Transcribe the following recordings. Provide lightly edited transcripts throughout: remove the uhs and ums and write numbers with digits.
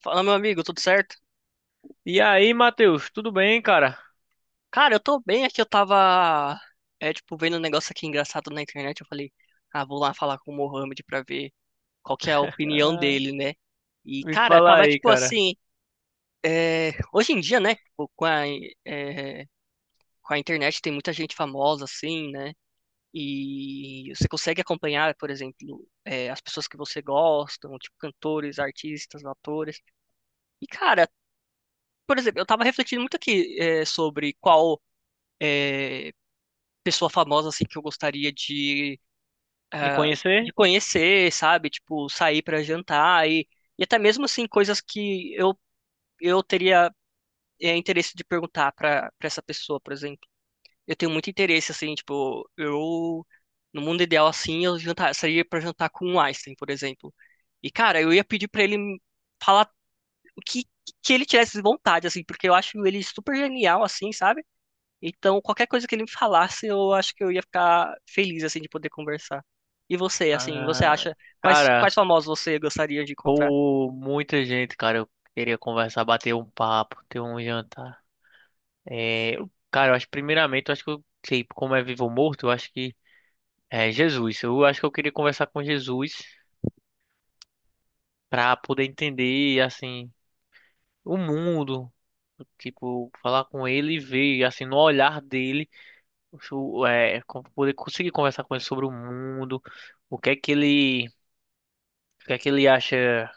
Fala, meu amigo, tudo certo? E aí, Matheus, tudo bem, cara? Cara, eu tô bem aqui, eu tava, tipo, vendo um negócio aqui engraçado na internet. Eu falei, ah, vou lá falar com o Mohamed pra ver qual que é a opinião Ah, dele, né? E, me cara, fala tava, aí, tipo, cara. assim, hoje em dia, né, tipo, é, com a internet tem muita gente famosa, assim, né? E você consegue acompanhar, por exemplo, as pessoas que você gosta, tipo, cantores, artistas, atores. E, cara, por exemplo, eu tava refletindo muito aqui, é, sobre qual pessoa famosa assim que eu gostaria de, Me ah, de conhecer? conhecer, sabe? Tipo, sair para jantar e até mesmo assim coisas que eu teria interesse de perguntar para essa pessoa, por exemplo. Eu tenho muito interesse assim, tipo, eu no mundo ideal assim, eu jantar, sairia para jantar com o Einstein, por exemplo. E cara, eu ia pedir para ele falar o que que ele tivesse vontade assim, porque eu acho ele super genial assim, sabe? Então, qualquer coisa que ele me falasse, eu acho que eu ia ficar feliz, assim, de poder conversar. E você, assim, você Ah, acha, cara, quais famosos você gostaria de encontrar? pô, muita gente, cara. Eu queria conversar, bater um papo, ter um jantar. É, cara, eu acho, primeiramente, eu acho que eu sei como é vivo ou morto, eu acho que é Jesus. Eu acho que eu queria conversar com Jesus pra poder entender, assim, o mundo. Tipo, falar com ele e ver, assim, no olhar dele. Poder conseguir conversar com ele sobre o mundo, o que é que ele acha,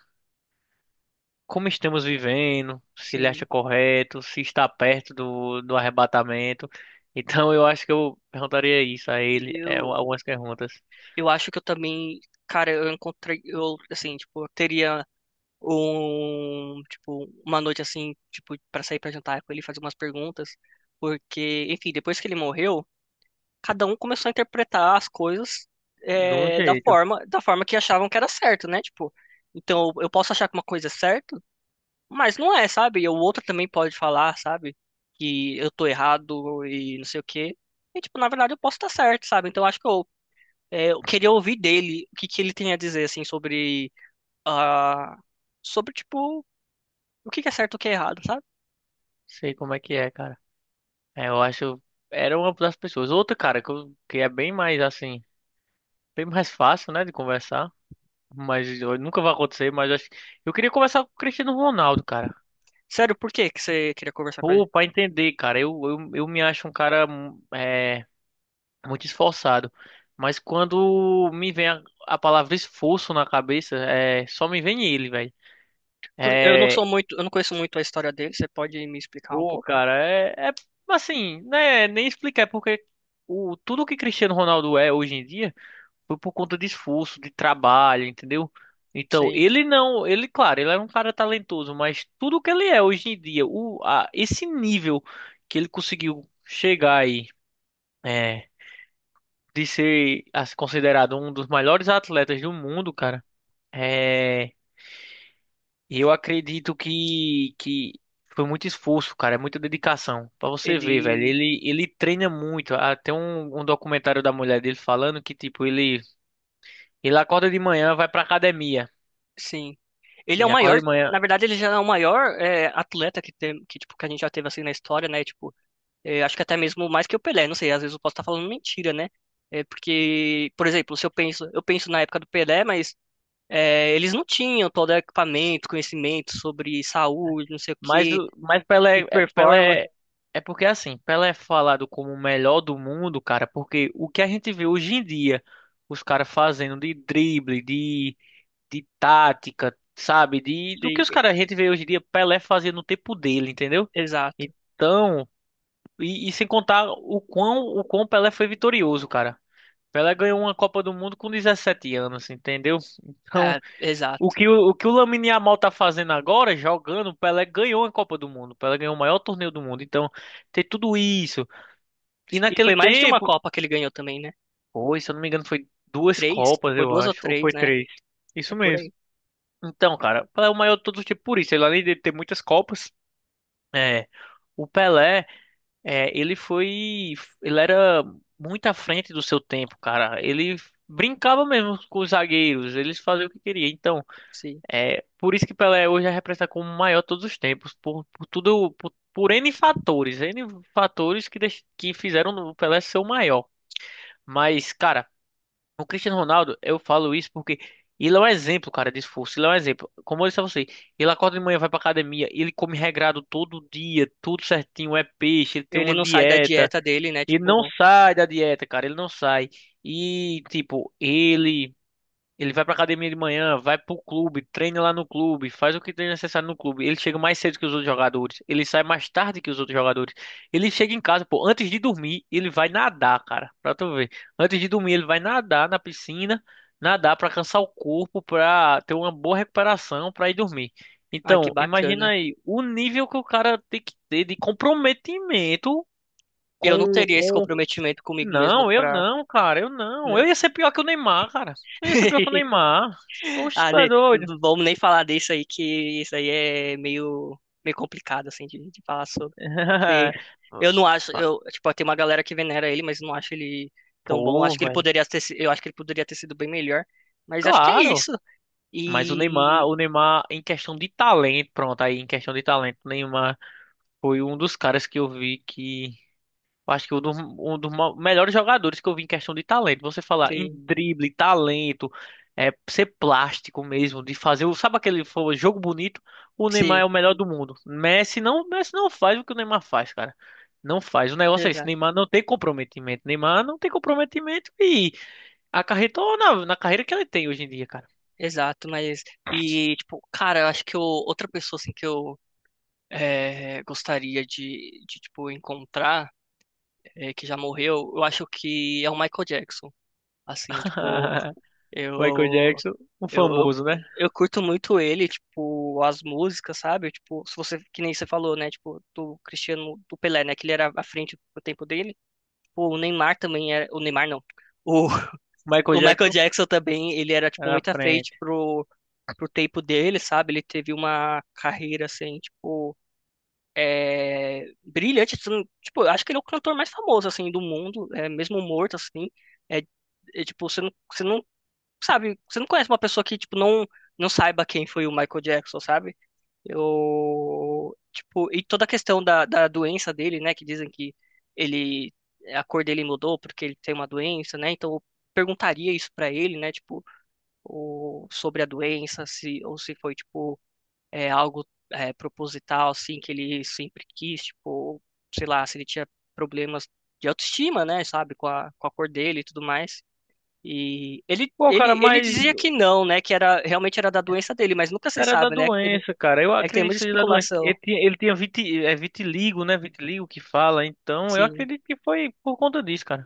como estamos vivendo, se ele acha Sim, correto, se está perto do arrebatamento. Então eu acho que eu perguntaria isso a ele, eu, algumas perguntas. eu acho que eu também, cara, eu encontrei, eu, assim, tipo, eu teria um, tipo, uma noite, assim, tipo, para sair pra jantar com ele, e fazer umas perguntas, porque, enfim, depois que ele morreu, cada um começou a interpretar as coisas, De um é, jeito, da forma que achavam que era certo, né? Tipo, então, eu posso achar que uma coisa é certa, mas não é, sabe? E o outro também pode falar, sabe? Que eu tô errado e não sei o quê. E, tipo, na verdade eu posso estar certo, sabe? Então acho que eu, é, eu queria ouvir dele o que que ele tem a dizer, assim, sobre, ah, sobre, tipo, o que que é certo e o que é errado, sabe? sei como é que é, cara. Eu acho, era uma das pessoas. Outra, cara, que, que é bem mais assim, bem mais fácil, né, de conversar. Mas nunca vai acontecer, mas eu acho. Eu queria conversar com o Cristiano Ronaldo, cara. Sério, por que que você queria conversar com ele? Pô, pra entender, cara, eu me acho um cara muito esforçado, mas quando me vem a palavra esforço na cabeça, só me vem ele, velho. Porque eu não É, sou muito, eu não conheço muito a história dele. Você pode me explicar um Pô, pouco? cara, é assim, né, nem explicar, porque tudo que Cristiano Ronaldo é hoje em dia foi por conta de esforço, de trabalho, entendeu? Então, Sim, ele não, ele, claro, ele é um cara talentoso, mas tudo que ele é hoje em dia, esse nível que ele conseguiu chegar aí. É, de ser assim, considerado um dos melhores atletas do mundo, cara, é, eu acredito que foi muito esforço, cara, é muita dedicação. Pra você ver, velho, ele, ele treina muito. Até um documentário da mulher dele falando que, tipo, ele acorda de manhã, vai pra academia. sim. Ele E é o acorda maior, de manhã. na verdade ele já é o maior é, atleta que tem, que, tipo, que a gente já teve, assim, na história, né? Tipo, é, acho que até mesmo mais que o Pelé, não sei, às vezes eu posso estar falando mentira, né? É porque, por exemplo, se eu penso, na época do Pelé, mas é, eles não tinham todo o equipamento, conhecimento sobre saúde, não sei o Mas, quê, mas Pelé, e performance, Pelé, é porque assim, Pelé é falado como o melhor do mundo, cara, porque o que a gente vê hoje em dia, os caras fazendo de drible, de tática, sabe? De, do que os e- caras, a gente vê hoje em dia Pelé fazia no tempo dele, entendeu? exato, Então, e sem contar o quão Pelé foi vitorioso, cara. Pelé ganhou uma Copa do Mundo com 17 anos, entendeu? Então, exato. O que o Lamine Yamal tá fazendo agora, jogando, Pelé ganhou a Copa do Mundo. Pelé ganhou o maior torneio do mundo. Então, tem tudo isso. E E naquele foi mais de uma tempo, Copa que ele ganhou também, né? foi, se eu não me engano, foi duas Três, Copas, foi eu duas ou acho, ou três, foi né? três. É Isso por mesmo. aí, Então, cara, o Pelé é o maior de todos os tempos por isso. Ele, além de ter muitas Copas, é, o Pelé, ele foi, ele era muito à frente do seu tempo, cara. Ele brincava mesmo com os zagueiros, eles faziam o que queria. Então, sim. é por isso que Pelé hoje é representado como o maior de todos os tempos, por tudo, por N fatores que fizeram o Pelé ser o maior. Mas, cara, o Cristiano Ronaldo, eu falo isso porque ele é um exemplo, cara, de esforço. Ele é um exemplo. Como eu disse a você, ele acorda de manhã, vai pra academia, ele come regrado todo dia, tudo certinho, é peixe, ele tem Ele uma não sai da dieta. dieta dele, né? Ele não Tipo, sai da dieta, cara, ele não sai. E, tipo, ele. Ele vai pra academia de manhã, vai pro clube, treina lá no clube, faz o que tem necessário no clube. Ele chega mais cedo que os outros jogadores. Ele sai mais tarde que os outros jogadores. Ele chega em casa, pô, antes de dormir, ele vai nadar, cara. Pra tu ver. Antes de dormir, ele vai nadar na piscina, nadar pra cansar o corpo, pra ter uma boa recuperação, pra ir dormir. ai, que Então, imagina bacana. aí o nível que o cara tem que ter de comprometimento Eu não com, teria esse com comprometimento comigo mesmo Não, eu pra, não, cara, eu não. Eu não. ia ser pior que o Neymar, cara. Eu ia ser pior que o Neymar. Oxe, Ah, tu é ne- doido. vamos nem falar disso aí, que isso aí é meio, meio complicado, assim, de falar sobre. E eu não acho, eu, tipo, tem uma galera que venera ele, mas não acho ele tão bom. Pô, Acho que ele velho. poderia ter, si- eu acho que ele poderia ter sido bem melhor, mas acho que é Claro. isso. Mas E, o Neymar, em questão de talento, pronto, aí em questão de talento, o Neymar foi um dos caras que Eu acho que um dos, melhores jogadores que eu vi em questão de talento. Você falar em sim, drible, talento, ser plástico mesmo, de fazer, sabe aquele jogo bonito? O Neymar sim, é o melhor do mundo. Messi não faz o que o Neymar faz, cara. Não faz. O negócio é esse, exato, Neymar não tem comprometimento. Neymar não tem comprometimento e acarretou na carreira que ele tem hoje em dia, cara. exato, mas, e, tipo, cara, eu acho que eu- outra pessoa, assim, que eu gostaria de, tipo, encontrar, que já morreu, eu acho que é o Michael Jackson. Assim, tipo, Eu, Michael eu, Jackson, o eu, famoso, né? eu curto muito ele, tipo, as músicas, sabe? Tipo, se você, que nem você falou, né? Tipo, do Cristiano, do Pelé, né? Que ele era à frente pro tempo dele. Pô, o Neymar também era, o Neymar não. O, Michael o Michael Jackson Jackson também, ele era, tipo, era na muito à frente frente. pro, pro tempo dele, sabe? Ele teve uma carreira, assim, tipo, é, brilhante, assim. Tipo, eu acho que ele é o cantor mais famoso, assim, do mundo, é, mesmo morto, assim. É, é, tipo, você não sabe, você não conhece uma pessoa que, tipo, não, não saiba quem foi o Michael Jackson, sabe? Eu, tipo, e toda a questão da doença dele, né, que dizem que ele, a cor dele mudou porque ele tem uma doença, né, então eu perguntaria isso pra ele, né, tipo, o, sobre a doença, se, ou se foi, tipo, é, algo é, proposital, assim, que ele sempre quis, tipo, sei lá, se ele tinha problemas de autoestima, né, sabe, com a cor dele e tudo mais. E Pô, cara, ele dizia que não, né? Que era realmente era da doença dele, mas nunca se era da sabe, né? É que tem, mu- doença, cara. Eu é que tem acredito que muita seja da doença. especulação, Ele tinha é vitiligo, né? Vitiligo que fala. Então, eu assim. acredito que foi por conta disso, cara.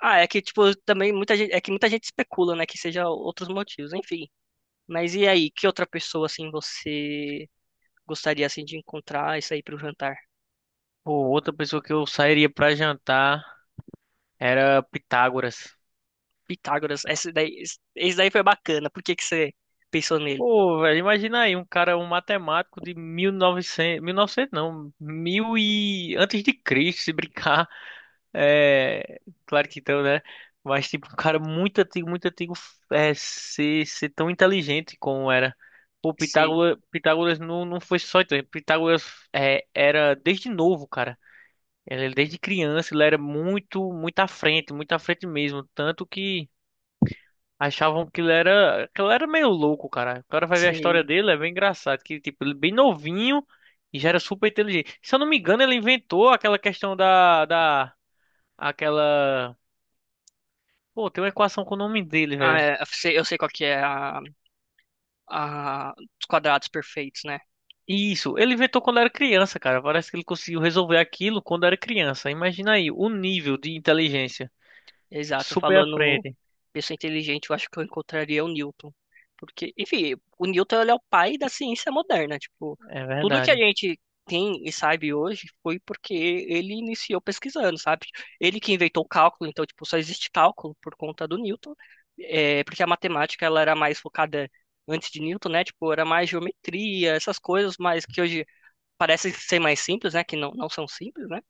Ah, é que tipo também muita gente, é que muita gente especula, né? Que seja outros motivos, enfim. Mas e aí, que outra pessoa assim você gostaria assim de encontrar isso aí pro jantar? Pô, outra pessoa que eu sairia pra jantar era Pitágoras. Pitágoras, esse daí, esse daí foi bacana. Por que que você pensou nele? Pô, velho, imagina aí, um cara, um matemático de 1900, 1900 não, mil e antes de Cristo, se brincar. É, Claro que então, né? Mas, tipo, um cara muito antigo, ser tão inteligente como era. Se, Pitágoras não, não foi só inteligente. Pitágoras era desde novo, cara. Ele, desde criança, ele era muito, muito à frente mesmo. Tanto que achavam que ele era meio louco, cara. O cara vai ver a história se, dele, é bem engraçado. Que, tipo, ele bem novinho e já era super inteligente. Se eu não me engano, ele inventou aquela questão aquela pô, tem uma equação com o nome dele, ah, velho. é, eu sei qual que é a, os quadrados perfeitos, né? Isso, ele inventou quando era criança, cara. Parece que ele conseguiu resolver aquilo quando era criança. Imagina aí, o nível de inteligência. Exato, Super à falando frente. pessoa inteligente, eu acho que eu encontraria o Newton. Porque, enfim, o Newton ele é o pai da ciência moderna. Tipo, É tudo que a verdade. gente tem e sabe hoje foi porque ele iniciou pesquisando, sabe? Ele que inventou o cálculo, então, tipo, só existe cálculo por conta do Newton. É, porque a matemática, ela era mais focada antes de Newton, né? Tipo, era mais geometria, essas coisas, mas que hoje parecem ser mais simples, né? Que não, não são simples, né?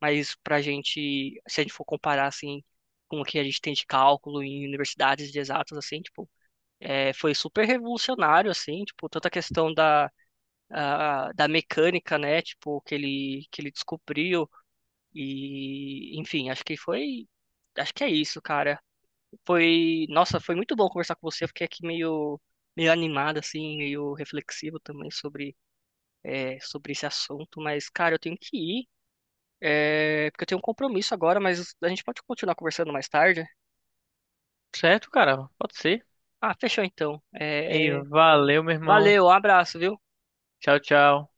Mas pra gente, se a gente for comparar, assim, com o que a gente tem de cálculo em universidades de exatas, assim, tipo, é, foi super revolucionário, assim, tipo, toda a questão da, a- da mecânica, né, tipo, que ele descobriu e, enfim, acho que foi, acho que é isso, cara. Foi, nossa, foi muito bom conversar com você. Eu fiquei aqui meio... meio animado, assim, meio reflexivo também sobre, é, sobre esse assunto, mas, cara, eu tenho que ir. É, porque eu tenho um compromisso agora, mas a gente pode continuar conversando mais tarde. Certo, cara? Pode ser. Ah, fechou então. E É, valeu, meu irmão. valeu, um abraço, viu? Tchau, tchau.